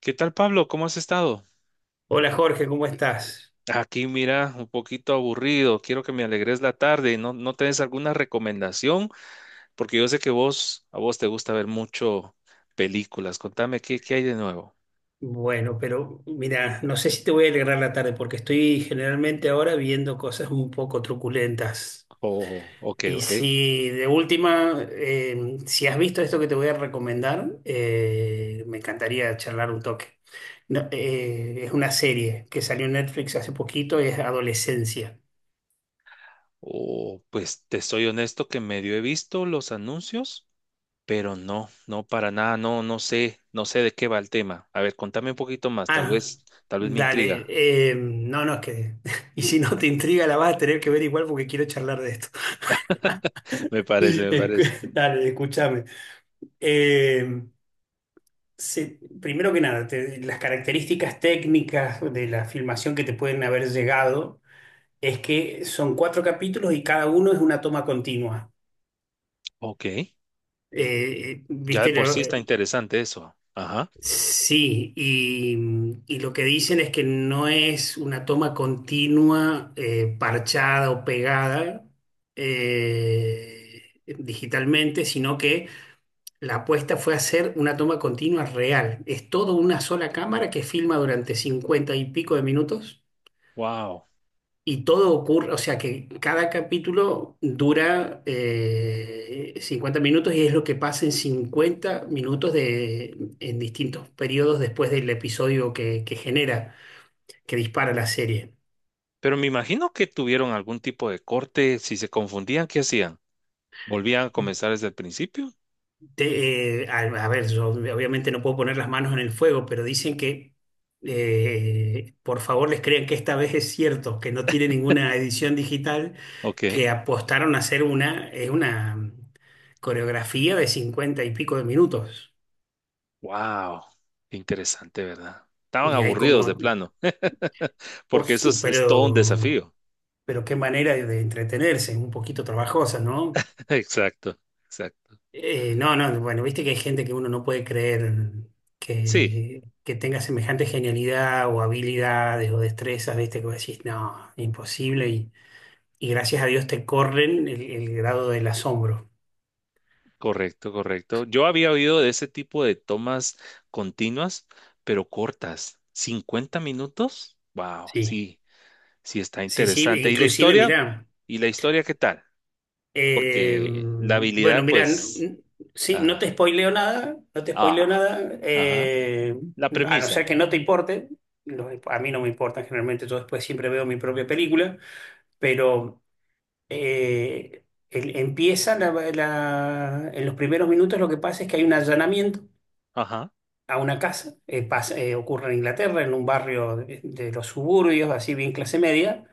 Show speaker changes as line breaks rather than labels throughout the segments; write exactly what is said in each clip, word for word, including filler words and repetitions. ¿Qué tal, Pablo? ¿Cómo has estado?
Hola Jorge, ¿cómo estás?
Aquí, mira, un poquito aburrido. Quiero que me alegres la tarde. ¿No, no tenés alguna recomendación? Porque yo sé que vos, a vos te gusta ver mucho películas. Contame qué, qué hay de nuevo.
Bueno, pero mira, no sé si te voy a alegrar la tarde porque estoy generalmente ahora viendo cosas un poco truculentas.
Oh, ok,
Y
ok.
si de última, eh, si has visto esto que te voy a recomendar, eh, me encantaría charlar un toque. No, eh, es una serie que salió en Netflix hace poquito, es Adolescencia.
Oh, pues te soy honesto que medio he visto los anuncios, pero no, no para nada, no, no sé, no sé de qué va el tema. A ver, contame un poquito más, tal
Ah,
vez, tal vez me
dale,
intriga.
eh, no, no, es que. Y si no te intriga, la vas a tener que ver igual porque quiero charlar de esto.
Me parece, me parece.
Escu- Dale, escúchame. Eh, se- Primero que nada, te- las características técnicas de la filmación que te pueden haber llegado es que son cuatro capítulos y cada uno es una toma continua.
Ok. Eh,
Eh, eh,
Ya de
¿viste?
por sí
Lo-
está
eh,
interesante eso. Ajá.
sí, y, y lo que dicen es que no es una toma continua, eh, parchada o pegada eh, digitalmente, sino que la apuesta fue hacer una toma continua real. Es todo una sola cámara que filma durante cincuenta y pico de minutos
Wow.
y todo ocurre, o sea que cada capítulo dura eh, cincuenta minutos y es lo que pasa en cincuenta minutos de, en distintos periodos después del episodio que, que genera, que dispara la serie.
Pero me imagino que tuvieron algún tipo de corte. Si se confundían, ¿qué hacían? ¿Volvían a comenzar desde el principio?
Te- eh, a, a ver, yo obviamente no puedo poner las manos en el fuego, pero dicen que eh, por favor les crean que esta vez es cierto, que no tiene ninguna edición digital,
Ok.
que apostaron a hacer una, es una coreografía de cincuenta y pico de minutos.
Wow. Interesante, ¿verdad? Estaban
Y hay
aburridos de
como,
plano, porque
os-
eso es, es todo un
pero,
desafío.
pero qué manera de, de entretenerse, un poquito trabajosa, ¿no?
Exacto, exacto.
Eh, no, no, bueno, viste que hay gente que uno no puede creer
Sí,
que, que tenga semejante genialidad o habilidades o destrezas, viste, que vos decís, no, imposible, y, y, gracias a Dios te corren el, el grado del asombro.
correcto, correcto. Yo había oído de ese tipo de tomas continuas, pero cortas. ¿Cincuenta minutos? Wow,
Sí,
sí, sí está
sí, sí,
interesante. ¿Y la
inclusive,
historia?
mirá,
¿Y la historia qué tal?
eh,
Porque la
bueno,
habilidad,
mirá,
pues...
n- sí, no te
Ajá.
spoileo nada, no te
Ah,
spoileo nada,
ajá.
eh,
La
a no ser
premisa.
que no te importe, lo- a mí no me importa, generalmente yo después siempre veo mi propia película, pero. eh, el- Empieza la- la- en los primeros minutos lo que pasa es que hay un allanamiento
Ajá.
a una casa, eh, pasa- eh, ocurre en Inglaterra, en un barrio de, de los suburbios, así bien clase media,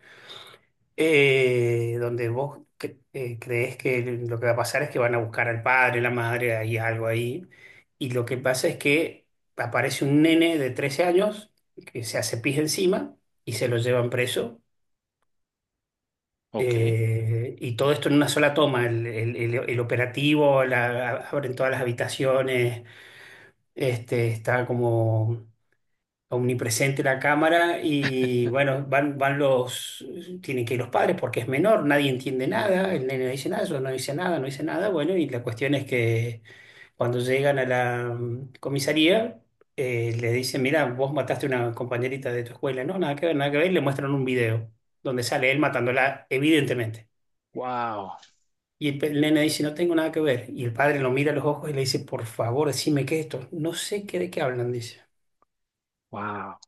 eh, donde vos cre- eh, creés que lo que va a pasar es que van a buscar al padre, la madre, hay algo ahí, y lo que pasa es que aparece un nene de trece años que se hace pis encima y se lo llevan preso.
Ok.
Eh, y todo esto en una sola toma, el, el- el- el operativo, la- abren todas las habitaciones, este, está como omnipresente la cámara y bueno, van, van los, tienen que ir los padres porque es menor, nadie entiende nada, el nene no dice nada, yo no dice nada, no dice nada, bueno, y la cuestión es que cuando llegan a la mm, comisaría. Eh, le dicen, mira, vos mataste a una compañerita de tu escuela. No, nada que ver, nada que ver. Y le muestran un video donde sale él matándola, evidentemente.
Wow.
Y el pe- el nene dice, no tengo nada que ver. Y el padre lo mira a los ojos y le dice, por favor, decime qué es esto. No sé qué de qué hablan, dice.
Wow.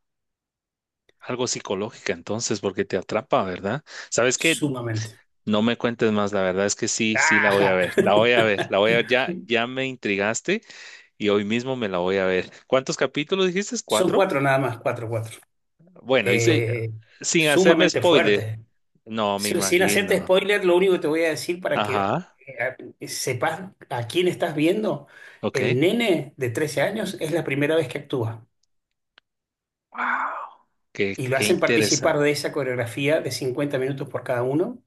Algo psicológica entonces, porque te atrapa, ¿verdad? ¿Sabes qué?
Sumamente.
No me cuentes más, la verdad es que sí, sí la voy a
¡Ajá!
ver. La voy a ver, la voy a ver. Ya, ya me intrigaste y hoy mismo me la voy a ver. ¿Cuántos capítulos dijiste?
Son
¿Cuatro?
cuatro nada más, cuatro, cuatro.
Bueno, hice
Eh,
sin hacerme
Sumamente
spoiler.
fuertes.
No, me
Si- Sin
imagino.
hacerte spoiler, lo único que te voy a decir para que
Ajá.
eh, sepas a quién estás viendo,
Ok.
el nene de trece años es la primera vez que actúa.
Wow. Qué,
Y lo
qué
hacen participar
interesante.
de esa coreografía de cincuenta minutos por cada uno.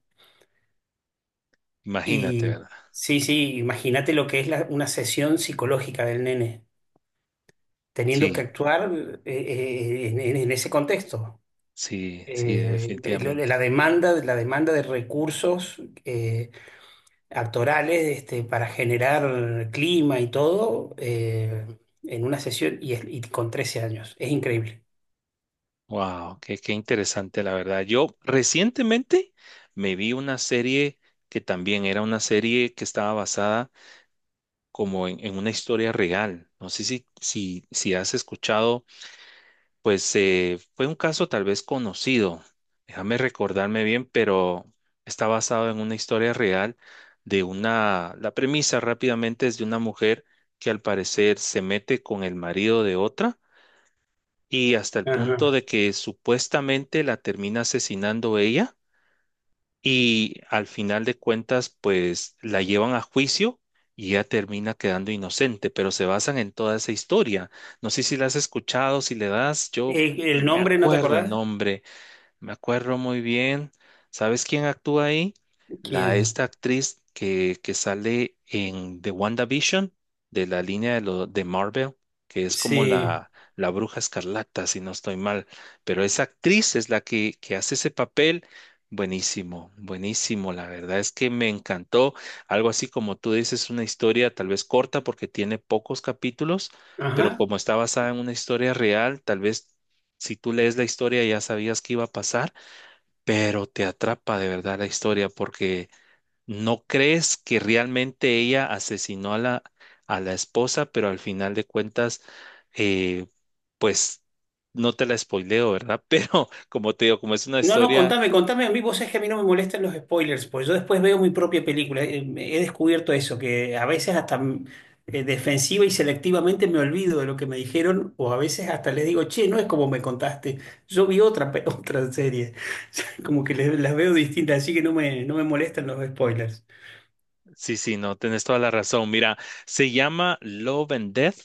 Imagínate,
Y
¿verdad?
sí, sí, imagínate lo que es la- una sesión psicológica del nene, teniendo que
Sí.
actuar eh, eh, en, en- en ese contexto.
Sí, sí,
Eh, lo-
definitivamente.
la demanda, la demanda de recursos eh, actorales este, para generar clima y todo eh, en una sesión y, es- y con trece años. Es increíble.
Wow, qué, qué interesante, la verdad. Yo recientemente me vi una serie que también era una serie que estaba basada como en, en una historia real. No sé si, si, si has escuchado, pues eh, fue un caso tal vez conocido. Déjame recordarme bien, pero está basado en una historia real de una, la premisa rápidamente es de una mujer que al parecer se mete con el marido de otra y hasta el punto
Ajá.
de que supuestamente la termina asesinando ella y al final de cuentas pues la llevan a juicio y ella termina quedando inocente, pero se basan en toda esa historia. No sé si la has escuchado, si le das, yo
Eh,
no
¿El
me
nombre no te
acuerdo el
acordás?
nombre, me acuerdo muy bien. ¿Sabes quién actúa ahí? La
¿Quién?
esta actriz que, que sale en The WandaVision, de la línea de, lo, de Marvel, que es como
Sí.
la, la bruja escarlata, si no estoy mal. Pero esa actriz es la que, que hace ese papel. Buenísimo, buenísimo. La verdad es que me encantó. Algo así como tú dices, una historia tal vez corta porque tiene pocos capítulos,
Ajá.
pero como está basada en una historia real, tal vez si tú lees la historia ya sabías que iba a pasar, pero te atrapa de verdad la historia porque no crees que realmente ella asesinó a la, a la esposa, pero al final de cuentas, eh, pues no te la spoileo, ¿verdad? Pero como te digo, como es una
No, no,
historia,
contame, contame a mí. Vos sabés que a mí no me molestan los spoilers, pues yo después veo mi propia película. Eh, He descubierto eso, que a veces hasta mm, eh, defensiva y selectivamente me olvido de lo que me dijeron, o a veces hasta les digo, che, no es como me contaste. Yo vi otra, pe- otra serie. Como que les- las veo distintas, así que no me, no me molestan los spoilers.
sí, sí, no, tenés toda la razón. Mira, se llama Love and Death,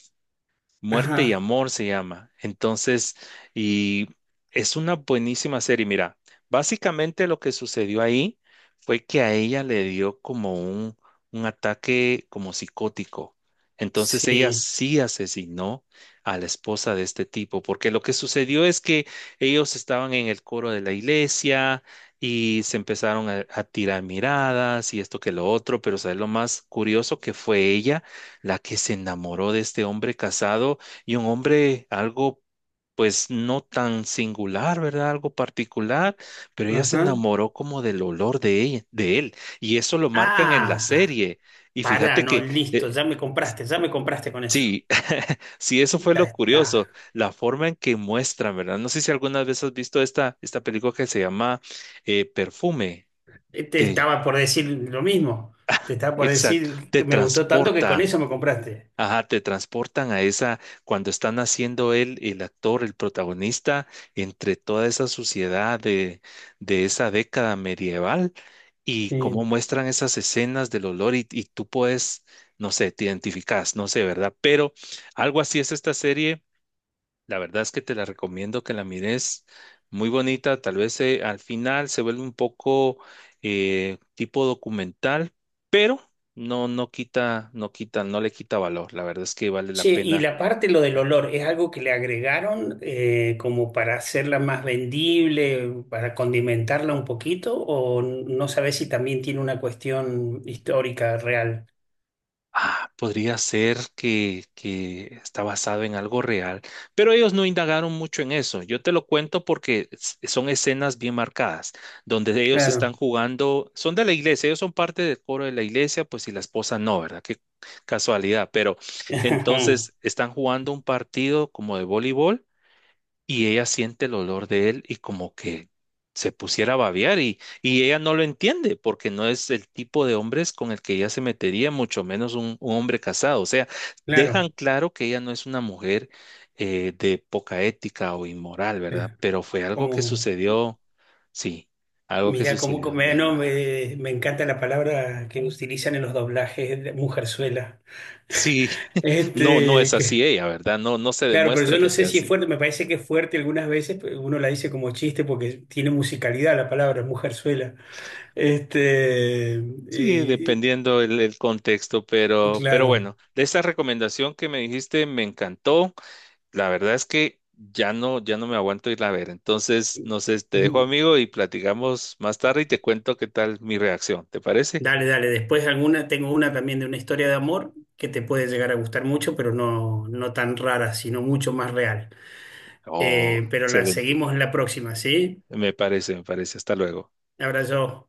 Muerte y
Ajá,
Amor se llama. Entonces, y es una buenísima serie. Mira, básicamente lo que sucedió ahí fue que a ella le dio como un, un ataque como psicótico. Entonces ella
sí,
sí asesinó a la esposa de este tipo, porque lo que sucedió es que ellos estaban en el coro de la iglesia y se empezaron a, a tirar miradas y esto que lo otro, pero ¿sabes lo más curioso que fue ella? La que se enamoró de este hombre casado y un hombre algo, pues no tan singular, ¿verdad? Algo particular, pero ella se
ajá.
enamoró como del olor de ella, de él, y eso lo marcan en la
Ah,
serie. Y
pará,
fíjate
no,
que
listo,
eh,
ya me compraste, ya me compraste con eso.
sí, sí, eso fue
Ya
lo curioso,
está.
la forma en que muestran, ¿verdad? No sé si alguna vez has visto esta, esta película que se llama eh, Perfume.
Eh, Te
Te
estaba por decir lo mismo. Te estaba por
Exacto,
decir
te
que me gustó tanto que con
transportan.
eso me compraste.
Ajá, te transportan a esa, cuando están haciendo él, el actor, el protagonista, entre toda esa suciedad de, de esa década medieval y cómo
Sí.
muestran esas escenas del olor y, y tú puedes, no sé, te identificas, no sé, ¿verdad? Pero algo así es esta serie, la verdad es que te la recomiendo que la mires. Muy bonita, tal vez eh, al final se vuelve un poco eh, tipo documental, pero no, no quita, no quita, no le quita valor. La verdad es que vale la
Che, y
pena.
la parte, lo del olor, ¿es algo que le agregaron eh, como para hacerla más vendible, para condimentarla un poquito? ¿O no sabes si también tiene una cuestión histórica real?
Ah, podría ser que, que está basado en algo real, pero ellos no indagaron mucho en eso. Yo te lo cuento porque s- son escenas bien marcadas, donde ellos están
Claro,
jugando, son de la iglesia, ellos son parte del coro de la iglesia, pues y la esposa no, ¿verdad? Qué casualidad, pero entonces están jugando un partido como de voleibol y ella siente el olor de él y como que se pusiera a babear y, y ella no lo entiende porque no es el tipo de hombres con el que ella se metería, mucho menos un, un hombre casado. O sea, dejan
claro.
claro que ella no es una mujer eh, de poca ética o inmoral, ¿verdad?
Claro.
Pero fue algo que
Como,
sucedió, sí, algo que
mira, como,
sucedió
como-
de la
no,
nada.
me, me encanta la palabra que utilizan en los doblajes de mujerzuela.
Sí, no, no es
Este,
así ella, ¿verdad? No, no se
claro, pero
demuestra
yo
que
no sé
sea
si es
así.
fuerte, me parece que es fuerte algunas veces, pero uno la dice como chiste porque tiene musicalidad la palabra, mujerzuela. Este,
Sí,
y-
dependiendo el, el contexto,
y-
pero, pero
claro.
bueno, de esa recomendación que me dijiste me encantó. La verdad es que ya no, ya no me aguanto ir a ver. Entonces, no sé, te dejo
Mm,
amigo y platicamos más tarde y te cuento qué tal mi reacción. ¿Te parece?
Dale, dale, después alguna, tengo una también de una historia de amor que te puede llegar a gustar mucho, pero no, no tan rara, sino mucho más real.
Oh,
Eh, pero la
excelente.
seguimos en la próxima, ¿sí?
Me parece, me parece. Hasta luego.
Abrazo.